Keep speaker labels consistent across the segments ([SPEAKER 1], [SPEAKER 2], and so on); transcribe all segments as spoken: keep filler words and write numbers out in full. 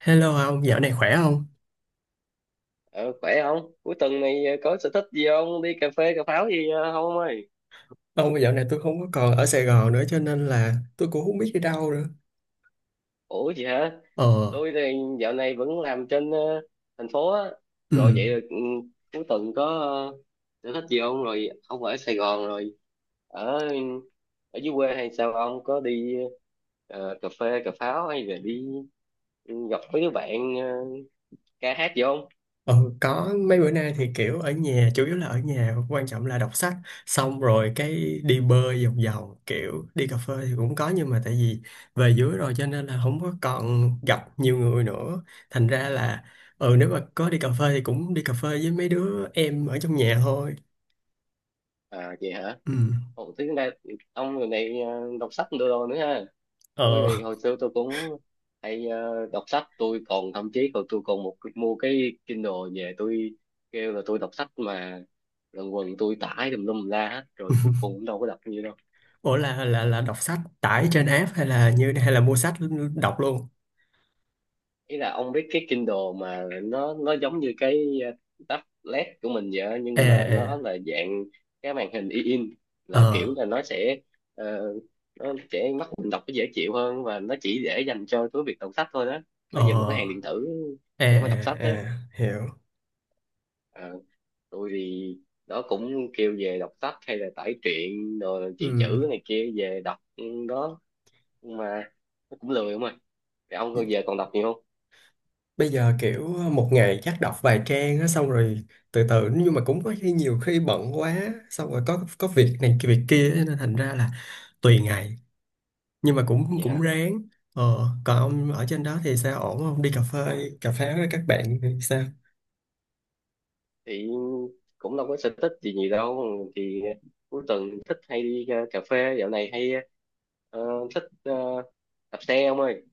[SPEAKER 1] Hello ông, dạo này khỏe không?
[SPEAKER 2] Ờ, khỏe không? Cuối tuần này ờ, có sở thích gì không? Đi cà phê, cà pháo gì ờ, không ông ơi?
[SPEAKER 1] Ông dạo này tôi không có còn ở Sài Gòn nữa cho nên là tôi cũng không biết đi đâu nữa.
[SPEAKER 2] Ủa gì hả?
[SPEAKER 1] Ờ,
[SPEAKER 2] Tôi thì dạo này vẫn làm trên ờ, thành phố á.
[SPEAKER 1] ừ,
[SPEAKER 2] Rồi vậy là ừ, cuối tuần có ờ, sở thích gì không? Rồi ông ở Sài Gòn rồi. Ở ở dưới quê hay sao ông? Có đi ờ, cà phê, cà pháo hay là đi ừ, gặp mấy đứa bạn ờ, ca hát gì không?
[SPEAKER 1] ờ, có mấy bữa nay thì kiểu ở nhà, chủ yếu là ở nhà, quan trọng là đọc sách, xong rồi cái đi bơi vòng vòng, kiểu đi cà phê thì cũng có nhưng mà tại vì về dưới rồi cho nên là không có còn gặp nhiều người nữa. Thành ra là, ừ, nếu mà có đi cà phê thì cũng đi cà phê với mấy đứa em ở trong nhà thôi.
[SPEAKER 2] À vậy hả?
[SPEAKER 1] Ừ,
[SPEAKER 2] Ồ, thế này ông người này ờ, đọc sách đồ đồ nữa ha. Tôi
[SPEAKER 1] ờ.
[SPEAKER 2] thì hồi xưa tôi cũng hay ờ, đọc sách, tôi còn thậm chí còn tôi còn một mua cái Kindle về, tôi kêu là tôi đọc sách mà lần quần tôi tải tùm lum la hết, rồi cuối cùng cũng đâu có đọc như đâu.
[SPEAKER 1] Ủa, là là là đọc sách tải trên app hay là như hay là mua sách đọc luôn?
[SPEAKER 2] Ý là ông biết cái Kindle mà nó nó giống như cái ờ, tablet của mình vậy á,
[SPEAKER 1] Ờ,
[SPEAKER 2] nhưng mà nó là dạng cái màn hình in, là kiểu
[SPEAKER 1] ờ,
[SPEAKER 2] là nó sẽ ờ, nó sẽ mắt mình đọc nó dễ chịu hơn, và nó chỉ để dành cho cái việc đọc sách thôi đó.
[SPEAKER 1] ờ,
[SPEAKER 2] Nó về một cái hàng
[SPEAKER 1] ờ,
[SPEAKER 2] điện tử
[SPEAKER 1] ờ,
[SPEAKER 2] để mà đọc
[SPEAKER 1] ờ,
[SPEAKER 2] sách đó.
[SPEAKER 1] ờ, hiểu.
[SPEAKER 2] Ờ, tôi thì đó cũng kêu về đọc sách hay là tải truyện rồi chuyện
[SPEAKER 1] Ừ.
[SPEAKER 2] chữ này kia về đọc ừ, đó. Nhưng mà nó cũng lười không à. Vậy ông giờ còn đọc nhiều không?
[SPEAKER 1] Bây giờ kiểu một ngày chắc đọc vài trang á, xong rồi từ từ, nhưng mà cũng có khi nhiều khi bận quá xong rồi có có việc này cái việc kia á, nên thành ra là tùy ngày, nhưng mà cũng
[SPEAKER 2] Vậy
[SPEAKER 1] cũng
[SPEAKER 2] hả?
[SPEAKER 1] ráng. Ờ, còn ông ở trên đó thì sao, ổn không? Đi cà phê cà phê với các bạn thì sao?
[SPEAKER 2] Thì cũng đâu có sở thích gì gì đâu. Thì cuối tuần thích hay đi ờ, cà phê, dạo này hay ờ, thích ờ, đạp xe ông ơi.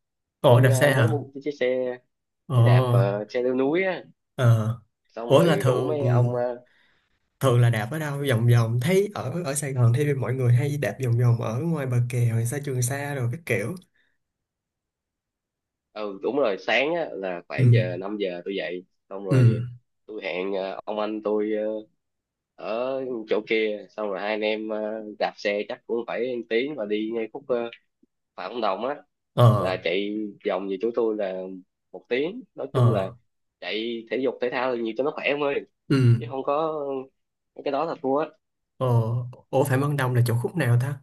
[SPEAKER 1] Ồ,
[SPEAKER 2] Tôi
[SPEAKER 1] đạp
[SPEAKER 2] ờ,
[SPEAKER 1] xe
[SPEAKER 2] mới
[SPEAKER 1] hả?
[SPEAKER 2] mua cái chiếc xe
[SPEAKER 1] Ồ.
[SPEAKER 2] xe đạp, ờ, xe leo núi á,
[SPEAKER 1] Ờ.
[SPEAKER 2] xong
[SPEAKER 1] Ủa, là
[SPEAKER 2] rồi rủ
[SPEAKER 1] thường
[SPEAKER 2] mấy ông ờ,
[SPEAKER 1] thường là đạp ở đâu vòng vòng, thấy ở ở Sài Gòn thì mọi người hay đạp vòng vòng ở ngoài bờ kè hoặc xa Trường Sa rồi các kiểu.
[SPEAKER 2] ừ đúng rồi. Sáng á, là
[SPEAKER 1] Ừ.
[SPEAKER 2] khoảng giờ năm giờ tôi dậy, xong
[SPEAKER 1] Ừ.
[SPEAKER 2] rồi tôi hẹn ờ, ông anh tôi ờ, ở chỗ kia, xong rồi hai anh em ờ, đạp xe chắc cũng phải một tiếng, và đi ngay khúc ờ, Phạm Văn Đồng á, là
[SPEAKER 1] Ờ.
[SPEAKER 2] chạy vòng về chỗ tôi là một tiếng. Nói chung là
[SPEAKER 1] Ờ.
[SPEAKER 2] chạy thể dục thể thao là nhiều cho nó khỏe em ơi,
[SPEAKER 1] Ừ.
[SPEAKER 2] chứ không có mấy cái đó là thua á.
[SPEAKER 1] Ờ. Ủa, Phạm Văn Đồng là chỗ khúc nào ta?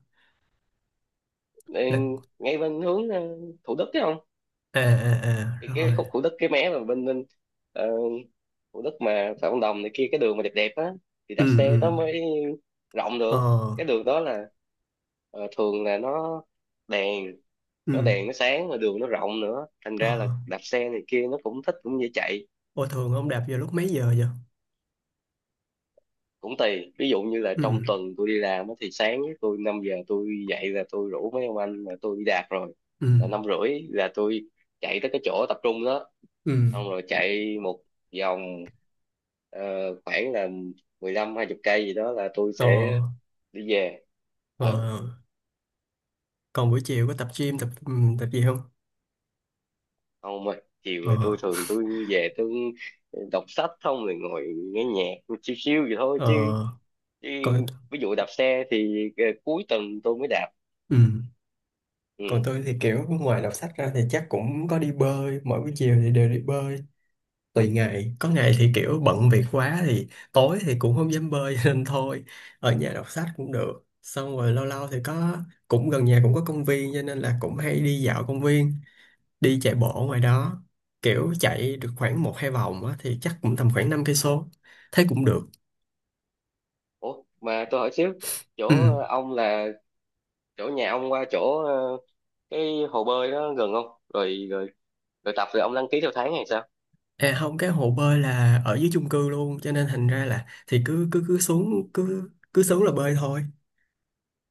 [SPEAKER 1] là
[SPEAKER 2] Nên ngay bên hướng ờ, Thủ Đức chứ không,
[SPEAKER 1] À, à, à,
[SPEAKER 2] cái, cái
[SPEAKER 1] rồi.
[SPEAKER 2] khúc Thủ Đức, cái mé mà bên bên ờ, Thủ Đức mà Phạm Văn Đồng này kia, cái đường mà đẹp đẹp á thì
[SPEAKER 1] Ừ.
[SPEAKER 2] đạp xe
[SPEAKER 1] Ừ.
[SPEAKER 2] nó mới rộng
[SPEAKER 1] Ờ.
[SPEAKER 2] được. Cái đường đó là ờ, thường là nó đèn nó
[SPEAKER 1] Ừ.
[SPEAKER 2] đèn nó sáng, mà đường nó rộng nữa, thành
[SPEAKER 1] Ờ.
[SPEAKER 2] ra là đạp xe này kia nó cũng thích, cũng dễ chạy.
[SPEAKER 1] Ủa, thường ông đạp vào lúc mấy giờ vậy?
[SPEAKER 2] Cũng tùy, ví dụ như là
[SPEAKER 1] Ừ.
[SPEAKER 2] trong tuần tôi đi làm á thì sáng á, tôi năm giờ tôi dậy là tôi rủ mấy ông anh là tôi đi đạp rồi,
[SPEAKER 1] Ừ.
[SPEAKER 2] là năm rưỡi là tôi chạy tới cái chỗ tập trung đó,
[SPEAKER 1] Ừ.
[SPEAKER 2] xong rồi chạy một vòng ờ, khoảng là mười lăm hai chục cây gì đó là tôi
[SPEAKER 1] Ờ.
[SPEAKER 2] sẽ đi về. Ừ,
[SPEAKER 1] Ờ. Còn buổi chiều có tập gym, tập ừ, tập gì không?
[SPEAKER 2] không mà chiều thì
[SPEAKER 1] Ờ.
[SPEAKER 2] tôi thường tôi về tôi đọc sách không, rồi ngồi nghe nhạc chill chill vậy thôi chứ,
[SPEAKER 1] Ờ.
[SPEAKER 2] chứ
[SPEAKER 1] Coi.
[SPEAKER 2] ví dụ đạp xe thì ờ, cuối tuần tôi mới đạp.
[SPEAKER 1] Ừ. Còn
[SPEAKER 2] Ừ.
[SPEAKER 1] tôi thì kiểu ngoài đọc sách ra thì chắc cũng có đi bơi, mỗi buổi chiều thì đều đi bơi. Tùy ngày, có ngày thì kiểu bận việc quá thì tối thì cũng không dám bơi nên thôi ở nhà đọc sách cũng được. Xong rồi lâu lâu thì có, cũng gần nhà cũng có công viên cho nên là cũng hay đi dạo công viên, đi chạy bộ ngoài đó, kiểu chạy được khoảng một hai vòng á, thì chắc cũng tầm khoảng năm cây số, thấy cũng được.
[SPEAKER 2] Ủa mà tôi hỏi xíu, chỗ
[SPEAKER 1] Ừ.
[SPEAKER 2] ờ, ông là, chỗ nhà ông qua chỗ ờ, cái hồ bơi đó gần không? Rồi, rồi, rồi tập, rồi ông đăng ký theo tháng hay sao?
[SPEAKER 1] À, không, cái hồ bơi là ở dưới chung cư luôn cho nên thành ra là thì cứ cứ cứ xuống cứ cứ xuống là bơi thôi.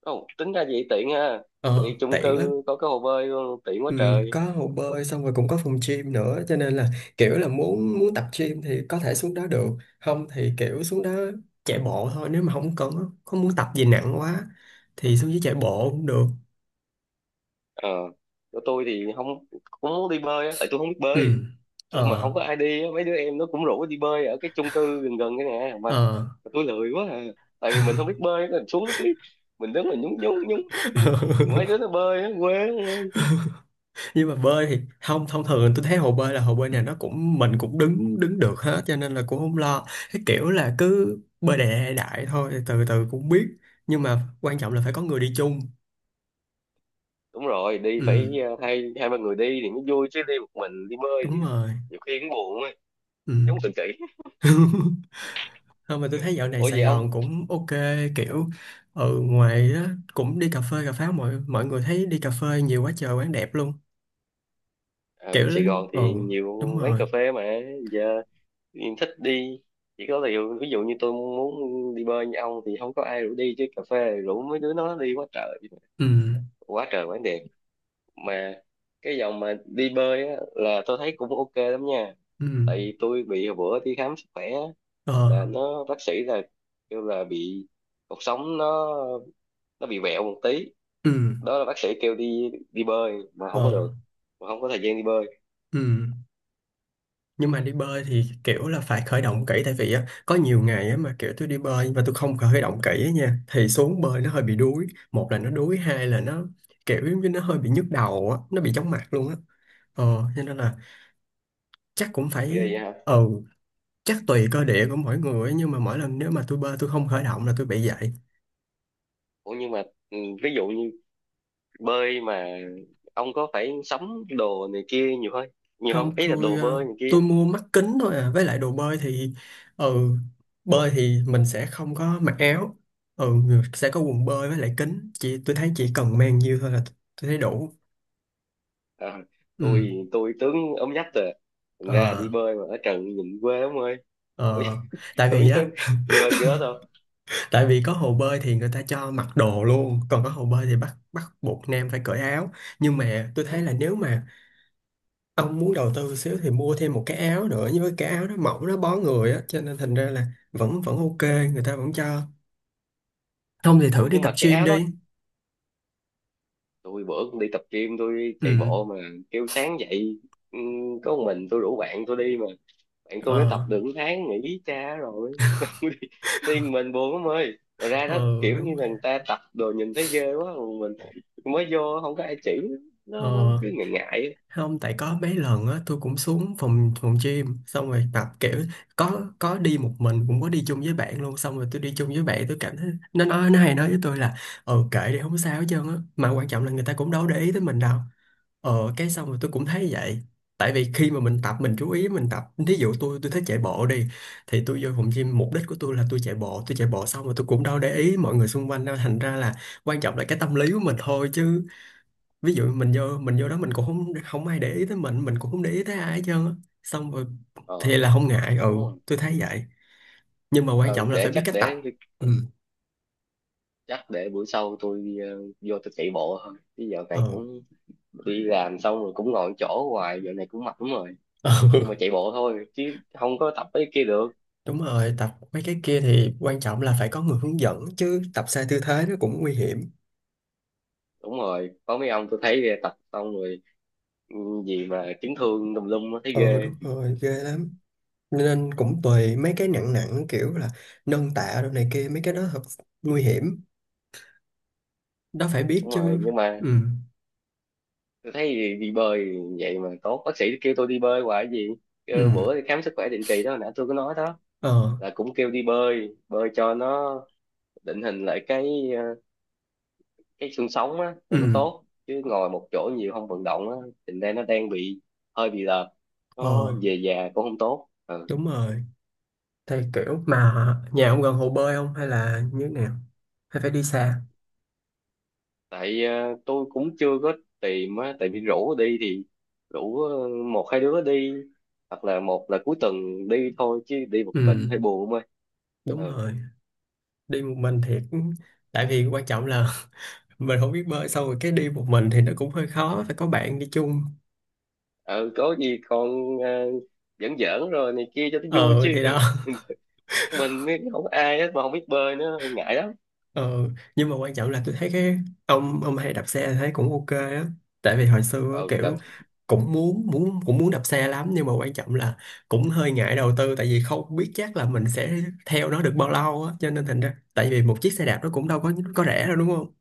[SPEAKER 2] Không, tính ra vậy tiện ha. Thì
[SPEAKER 1] Ờ,
[SPEAKER 2] chung
[SPEAKER 1] tiện lắm.
[SPEAKER 2] cư có cái hồ bơi luôn, tiện quá
[SPEAKER 1] Ừ,
[SPEAKER 2] trời.
[SPEAKER 1] có hồ bơi xong rồi cũng có phòng gym nữa cho nên là kiểu là muốn muốn tập gym thì có thể xuống đó được, không thì kiểu xuống đó chạy bộ thôi, nếu mà không cần không muốn tập gì nặng quá thì xuống dưới chạy bộ cũng được.
[SPEAKER 2] Ờ, chỗ tôi thì không, cũng muốn đi bơi á, tại tôi không biết bơi.
[SPEAKER 1] Ừ.
[SPEAKER 2] Tôi mà
[SPEAKER 1] Ờ.
[SPEAKER 2] không có ai đi á, mấy đứa em nó cũng rủ đi bơi ở cái chung cư gần gần cái nè mà
[SPEAKER 1] Ờ.
[SPEAKER 2] mà tôi lười quá à. Tại vì mình không biết bơi, mình xuống cái mình đứng mình nhúng nhúng nhúng nước á, mấy đứa nó bơi á, quê lắm.
[SPEAKER 1] Nhưng mà bơi thì không, thông thường tôi thấy hồ bơi, là hồ bơi này nó cũng mình cũng đứng đứng được hết cho nên là cũng không lo. Cái kiểu là cứ bơi đại đại thôi, từ từ cũng biết, nhưng mà quan trọng là phải có người đi chung.
[SPEAKER 2] Đúng rồi, đi
[SPEAKER 1] Ừ,
[SPEAKER 2] phải ờ, hai hai ba người đi thì mới vui, chứ đi một mình đi bơi thì
[SPEAKER 1] đúng rồi.
[SPEAKER 2] nhiều khi cũng buồn á,
[SPEAKER 1] Ừ.
[SPEAKER 2] giống tự kỷ.
[SPEAKER 1] Không, mà tôi thấy dạo này
[SPEAKER 2] Ủa
[SPEAKER 1] Sài
[SPEAKER 2] vậy
[SPEAKER 1] Gòn
[SPEAKER 2] ông,
[SPEAKER 1] cũng ok, kiểu ừ ngoài đó cũng đi cà phê cà pháo, mọi mọi người thấy đi cà phê nhiều quá trời, quán đẹp luôn.
[SPEAKER 2] ở
[SPEAKER 1] Kiểu.
[SPEAKER 2] Sài Gòn
[SPEAKER 1] Ừ,
[SPEAKER 2] thì
[SPEAKER 1] đúng
[SPEAKER 2] nhiều quán
[SPEAKER 1] rồi.
[SPEAKER 2] cà phê mà. Giờ em thích đi. Chỉ có điều ví dụ như tôi muốn đi bơi như ông thì không có ai rủ đi, chứ cà phê rủ mấy đứa nó đi quá trời,
[SPEAKER 1] Ừ.
[SPEAKER 2] quá trời quán đẹp mà. Cái dòng mà đi bơi á, là tôi thấy cũng ok lắm nha.
[SPEAKER 1] Ừ.
[SPEAKER 2] Tại vì tôi bị hồi bữa đi khám sức khỏe á,
[SPEAKER 1] Ờ.
[SPEAKER 2] là nó bác sĩ là kêu là bị cột sống, nó nó bị vẹo một tí
[SPEAKER 1] Ừ.
[SPEAKER 2] đó, là bác sĩ kêu đi đi bơi mà không có
[SPEAKER 1] Ờ.
[SPEAKER 2] được, mà không có thời gian đi bơi.
[SPEAKER 1] Ừ, nhưng mà đi bơi thì kiểu là phải khởi động kỹ, tại vì á có nhiều ngày á mà kiểu tôi đi bơi và tôi không khởi động kỹ á nha thì xuống bơi nó hơi bị đuối. Một là nó đuối, hai là nó kiểu giống như nó hơi bị nhức đầu á, nó bị chóng mặt luôn á. Ờ, cho nên là chắc cũng
[SPEAKER 2] Ghê
[SPEAKER 1] phải.
[SPEAKER 2] vậy hả?
[SPEAKER 1] Ừ, chắc tùy cơ địa của mỗi người ấy, nhưng mà mỗi lần nếu mà tôi bơi tôi không khởi động là tôi bị vậy.
[SPEAKER 2] Ủa nhưng mà ừ, ví dụ như bơi mà ông có phải sắm đồ này kia nhiều hơn nhiều không,
[SPEAKER 1] Không,
[SPEAKER 2] ý là
[SPEAKER 1] tôi
[SPEAKER 2] đồ
[SPEAKER 1] ờ,
[SPEAKER 2] bơi này kia?
[SPEAKER 1] tôi mua mắt kính thôi à, với lại đồ bơi thì ừ, bơi thì mình sẽ không có mặc áo. Ừ, sẽ có quần bơi với lại kính, chỉ tôi thấy chỉ cần mang nhiêu thôi là t- tôi thấy đủ.
[SPEAKER 2] À,
[SPEAKER 1] Ừ.
[SPEAKER 2] tôi tôi tướng ốm nhách rồi, thành ra
[SPEAKER 1] Ờ.
[SPEAKER 2] đi bơi mà ở trần nhìn quê ông ơi. Tôi
[SPEAKER 1] Ờ. Tại
[SPEAKER 2] tôi
[SPEAKER 1] vì á
[SPEAKER 2] dám đi bơi kiểu đó thôi.
[SPEAKER 1] tại vì có hồ bơi thì người ta cho mặc đồ luôn, còn có hồ bơi thì bắt bắt buộc nam phải cởi áo. Nhưng mà tôi thấy là nếu mà ông muốn đầu tư xíu thì mua thêm một cái áo nữa, nhưng với cái áo nó mỏng nó bó người á cho nên thành ra là vẫn vẫn ok, người ta vẫn cho. Không thì thử
[SPEAKER 2] Ủa
[SPEAKER 1] đi
[SPEAKER 2] nhưng
[SPEAKER 1] tập
[SPEAKER 2] mà cái
[SPEAKER 1] gym
[SPEAKER 2] áo đó,
[SPEAKER 1] đi.
[SPEAKER 2] tôi bữa cũng đi tập gym, tôi
[SPEAKER 1] Ừ.
[SPEAKER 2] chạy bộ mà kêu sáng dậy ừ, có một mình, tôi rủ bạn tôi đi mà bạn tôi nó
[SPEAKER 1] Ờ.
[SPEAKER 2] tập được một tháng nghỉ cha rồi. Điên, mình buồn lắm ơi, rồi ra đó
[SPEAKER 1] Ờ.
[SPEAKER 2] kiểu
[SPEAKER 1] Đúng
[SPEAKER 2] như
[SPEAKER 1] rồi.
[SPEAKER 2] là người ta tập đồ nhìn thấy ghê quá, còn mình mới vô không có ai chỉ, nó nó
[SPEAKER 1] Ờ,
[SPEAKER 2] cứ ngại ngại á.
[SPEAKER 1] không, tại có mấy lần á tôi cũng xuống phòng phòng gym xong rồi tập kiểu, có có đi một mình cũng có đi chung với bạn luôn, xong rồi tôi đi chung với bạn tôi cảm thấy, nó nói nó hay nói với tôi là ừ, kệ đi không sao hết trơn á, mà quan trọng là người ta cũng đâu để ý tới mình đâu. Ờ, cái xong rồi tôi cũng thấy vậy. Tại vì khi mà mình tập mình chú ý mình tập. Ví dụ tôi tôi thích chạy bộ đi, thì tôi vô phòng gym, mục đích của tôi là tôi chạy bộ. Tôi chạy bộ xong rồi tôi cũng đâu để ý mọi người xung quanh đâu. Thành ra là quan trọng là cái tâm lý của mình thôi chứ. Ví dụ mình vô mình vô đó, mình cũng không không ai để ý tới mình. Mình cũng không để ý tới ai hết trơn á. Xong rồi
[SPEAKER 2] Ờ
[SPEAKER 1] thì là không ngại. Ừ,
[SPEAKER 2] đúng rồi,
[SPEAKER 1] tôi thấy vậy. Nhưng mà quan
[SPEAKER 2] ờ,
[SPEAKER 1] trọng là
[SPEAKER 2] để
[SPEAKER 1] phải biết
[SPEAKER 2] chắc
[SPEAKER 1] cách tập.
[SPEAKER 2] để
[SPEAKER 1] Ừ.
[SPEAKER 2] chắc để bữa sau tôi ờ, vô tôi chạy bộ thôi, chứ giờ này
[SPEAKER 1] Ờ.
[SPEAKER 2] cũng đi làm xong rồi cũng ngồi chỗ hoài, giờ này cũng mệt lắm rồi.
[SPEAKER 1] Ờ.
[SPEAKER 2] Nhưng mà chạy bộ thôi, chứ không có tập mấy cái kia được.
[SPEAKER 1] Đúng rồi, tập mấy cái kia thì quan trọng là phải có người hướng dẫn, chứ tập sai tư thế nó cũng nguy hiểm.
[SPEAKER 2] Đúng rồi, có mấy ông tôi thấy tập xong rồi ừ, gì mà chấn thương tùm lum á, thấy
[SPEAKER 1] Ờ,
[SPEAKER 2] ghê.
[SPEAKER 1] đúng rồi, ghê lắm. Nên cũng tùy, mấy cái nặng nặng kiểu là nâng tạ đồ này kia, mấy cái đó thật nguy hiểm. Đó phải biết
[SPEAKER 2] Đúng rồi,
[SPEAKER 1] chứ.
[SPEAKER 2] nhưng mà
[SPEAKER 1] Ừ,
[SPEAKER 2] tôi thấy đi, đi bơi vậy mà tốt. Bác sĩ kêu tôi đi bơi hoài, gì kêu
[SPEAKER 1] ừ,
[SPEAKER 2] bữa đi khám sức khỏe định kỳ đó nãy tôi có nói đó,
[SPEAKER 1] ờ,
[SPEAKER 2] là cũng kêu đi bơi bơi cho nó định hình lại cái ờ, cái xương sống á, cho nó
[SPEAKER 1] ừ,
[SPEAKER 2] tốt, chứ ngồi một chỗ nhiều không vận động á, thành ra nó đang bị hơi bị lợp, nó
[SPEAKER 1] ờ,
[SPEAKER 2] về già cũng không tốt. Ờ.
[SPEAKER 1] đúng rồi. Thì kiểu mà nhà ông gần hồ bơi không hay là như thế nào? Hay phải đi xa?
[SPEAKER 2] Tại ờ, tôi cũng chưa có tìm á, tại vì rủ đi thì rủ ờ, một hai đứa đi, hoặc là một là cuối tuần đi thôi, chứ đi một mình
[SPEAKER 1] Ừ,
[SPEAKER 2] hơi buồn thôi.
[SPEAKER 1] đúng
[SPEAKER 2] Ừ.
[SPEAKER 1] rồi. Đi một mình thiệt. Tại vì quan trọng là mình không biết bơi xong rồi cái đi một mình thì nó cũng hơi khó. Phải có bạn đi chung.
[SPEAKER 2] Ờ có gì còn ờ, giỡn giỡn rồi này kia cho nó vui
[SPEAKER 1] Ờ,
[SPEAKER 2] chứ.
[SPEAKER 1] thì đó.
[SPEAKER 2] Mình ấy, không có ai hết mà không biết bơi nữa, ngại lắm.
[SPEAKER 1] Ờ, nhưng mà quan trọng là tôi thấy cái ông ông hay đạp xe thấy cũng ok á, tại vì hồi xưa á,
[SPEAKER 2] Ừ đập.
[SPEAKER 1] kiểu cũng muốn muốn cũng muốn đạp xe lắm, nhưng mà quan trọng là cũng hơi ngại đầu tư, tại vì không biết chắc là mình sẽ theo nó được bao lâu á, cho nên thành ra tại vì một chiếc xe đạp nó cũng đâu có có rẻ đâu, đúng không?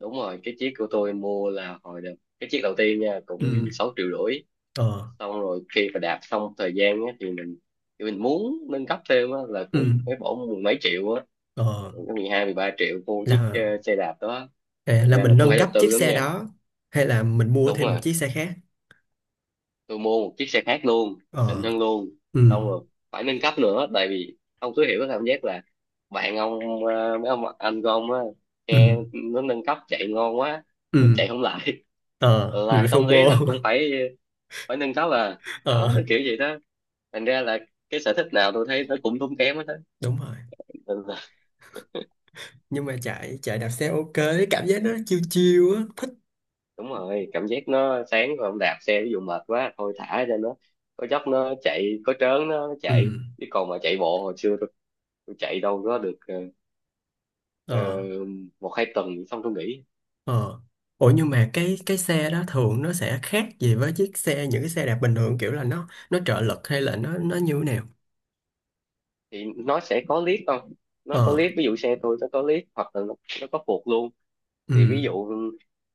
[SPEAKER 2] Đúng rồi, cái chiếc của tôi mua là hồi đợt, cái chiếc đầu tiên nha,
[SPEAKER 1] Ừ.
[SPEAKER 2] cũng sáu triệu rưỡi.
[SPEAKER 1] Ờ.
[SPEAKER 2] Xong rồi khi mà đạp xong thời gian á, thì mình thì mình muốn nâng cấp thêm á, là cũng
[SPEAKER 1] Ừ.
[SPEAKER 2] phải bỏ mười mấy triệu á,
[SPEAKER 1] Ờ.
[SPEAKER 2] mười hai, mười ba triệu mua chiếc ờ,
[SPEAKER 1] là
[SPEAKER 2] xe đạp đó.
[SPEAKER 1] À,
[SPEAKER 2] Thành
[SPEAKER 1] là
[SPEAKER 2] ra là
[SPEAKER 1] mình
[SPEAKER 2] cũng
[SPEAKER 1] nâng
[SPEAKER 2] phải đầu
[SPEAKER 1] cấp
[SPEAKER 2] tư
[SPEAKER 1] chiếc
[SPEAKER 2] lắm
[SPEAKER 1] xe
[SPEAKER 2] nha.
[SPEAKER 1] đó hay là mình mua
[SPEAKER 2] Đúng
[SPEAKER 1] thêm một
[SPEAKER 2] rồi,
[SPEAKER 1] chiếc xe khác?
[SPEAKER 2] tôi mua một chiếc xe khác luôn, xịn
[SPEAKER 1] Ờ.
[SPEAKER 2] hơn luôn.
[SPEAKER 1] Ừ.
[SPEAKER 2] Xong rồi phải nâng cấp nữa, tại vì ông cứ hiểu cái cảm giác là bạn ông ờ, mấy ông anh của ông á,
[SPEAKER 1] Ừ.
[SPEAKER 2] xe nó nâng cấp chạy ngon quá, mình chạy
[SPEAKER 1] Ừ.
[SPEAKER 2] không lại.
[SPEAKER 1] Ờ,
[SPEAKER 2] Là
[SPEAKER 1] mình bị
[SPEAKER 2] cái tâm lý là
[SPEAKER 1] FOMO.
[SPEAKER 2] cũng phải, phải nâng cấp à,
[SPEAKER 1] Ờ,
[SPEAKER 2] đó nó kiểu gì đó, thành ra là cái sở thích nào tôi thấy nó cũng tốn kém hết á.
[SPEAKER 1] đúng rồi,
[SPEAKER 2] Ừ.
[SPEAKER 1] nhưng mà chạy chạy đạp xe ok cái cảm giác nó chiêu chiêu á.
[SPEAKER 2] Đúng rồi, cảm giác nó sáng rồi ông đạp xe, ví dụ mệt quá thôi thả cho nó, có dốc nó chạy, có trớn nó
[SPEAKER 1] Ừ.
[SPEAKER 2] chạy. Chứ còn mà chạy bộ hồi xưa tôi, tôi chạy đâu có được ờ,
[SPEAKER 1] Ờ.
[SPEAKER 2] ờ, một hai tuần xong tôi nghỉ.
[SPEAKER 1] Ờ. Ủa, nhưng mà cái cái xe đó thường nó sẽ khác gì với chiếc xe, những cái xe đạp bình thường, kiểu là nó nó trợ lực, hay là nó nó như thế nào?
[SPEAKER 2] Thì nó sẽ có lift không, nó có
[SPEAKER 1] Ờ.
[SPEAKER 2] lift, ví dụ xe tôi nó có lift, hoặc là nó, nó có phượt luôn.
[SPEAKER 1] Ừ.
[SPEAKER 2] Thì ví dụ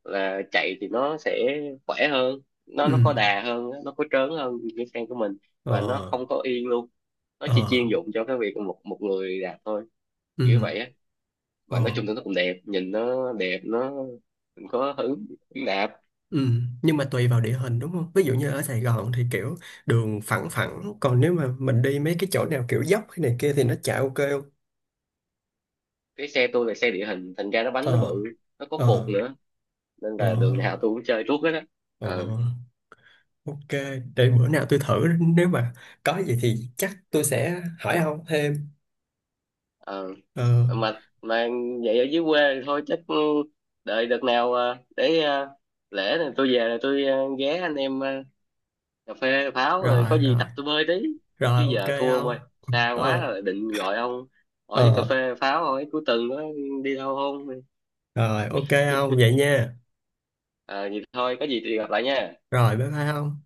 [SPEAKER 2] là chạy thì nó sẽ khỏe hơn, nó
[SPEAKER 1] Ừ.
[SPEAKER 2] nó có đà hơn, nó có trớn hơn cái xe của mình.
[SPEAKER 1] Ờ.
[SPEAKER 2] Và nó không có yên luôn, nó chỉ
[SPEAKER 1] Ờ.
[SPEAKER 2] chuyên dụng cho cái việc một một người đạp thôi,
[SPEAKER 1] Ừ.
[SPEAKER 2] kiểu vậy á. Và nói
[SPEAKER 1] Ờ.
[SPEAKER 2] chung thì nó cũng đẹp, nhìn nó đẹp, nó mình có hứng hứng đạp.
[SPEAKER 1] Ừ, nhưng mà tùy vào địa hình, đúng không? Ví dụ như ở Sài Gòn thì kiểu đường phẳng phẳng, còn nếu mà mình đi mấy cái chỗ nào kiểu dốc hay này kia thì nó chạy ok không?
[SPEAKER 2] Cái xe tôi là xe địa hình, thành ra nó bánh nó
[SPEAKER 1] Ờ.
[SPEAKER 2] bự, nó có phột
[SPEAKER 1] Ờ.
[SPEAKER 2] nữa, nên
[SPEAKER 1] Ờ.
[SPEAKER 2] là đường nào tôi cũng chơi tuốt hết á.
[SPEAKER 1] Ờ.
[SPEAKER 2] ờ
[SPEAKER 1] Ờ. Ok, để bữa nào tôi thử, nếu mà có gì thì chắc tôi sẽ hỏi ông thêm.
[SPEAKER 2] ờ
[SPEAKER 1] Ờ.
[SPEAKER 2] mà mà vậy ở dưới quê thì thôi chắc ừ, đợi đợt nào ờ, để ờ, lễ này tôi về là tôi ờ, ghé anh em ờ, cà phê pháo rồi
[SPEAKER 1] Rồi
[SPEAKER 2] có gì
[SPEAKER 1] rồi,
[SPEAKER 2] tập tôi bơi tí, chứ
[SPEAKER 1] rồi
[SPEAKER 2] giờ
[SPEAKER 1] ok
[SPEAKER 2] thua ông
[SPEAKER 1] ông.
[SPEAKER 2] ơi, xa quá
[SPEAKER 1] Ờ,
[SPEAKER 2] rồi định gọi ông hỏi đi cà
[SPEAKER 1] ờ,
[SPEAKER 2] phê pháo, hỏi cuối tuần đó đi đâu không.
[SPEAKER 1] rồi ok ông vậy nha.
[SPEAKER 2] Ờ vậy thôi, có gì thì gặp lại nha.
[SPEAKER 1] Rồi, bye bye ông.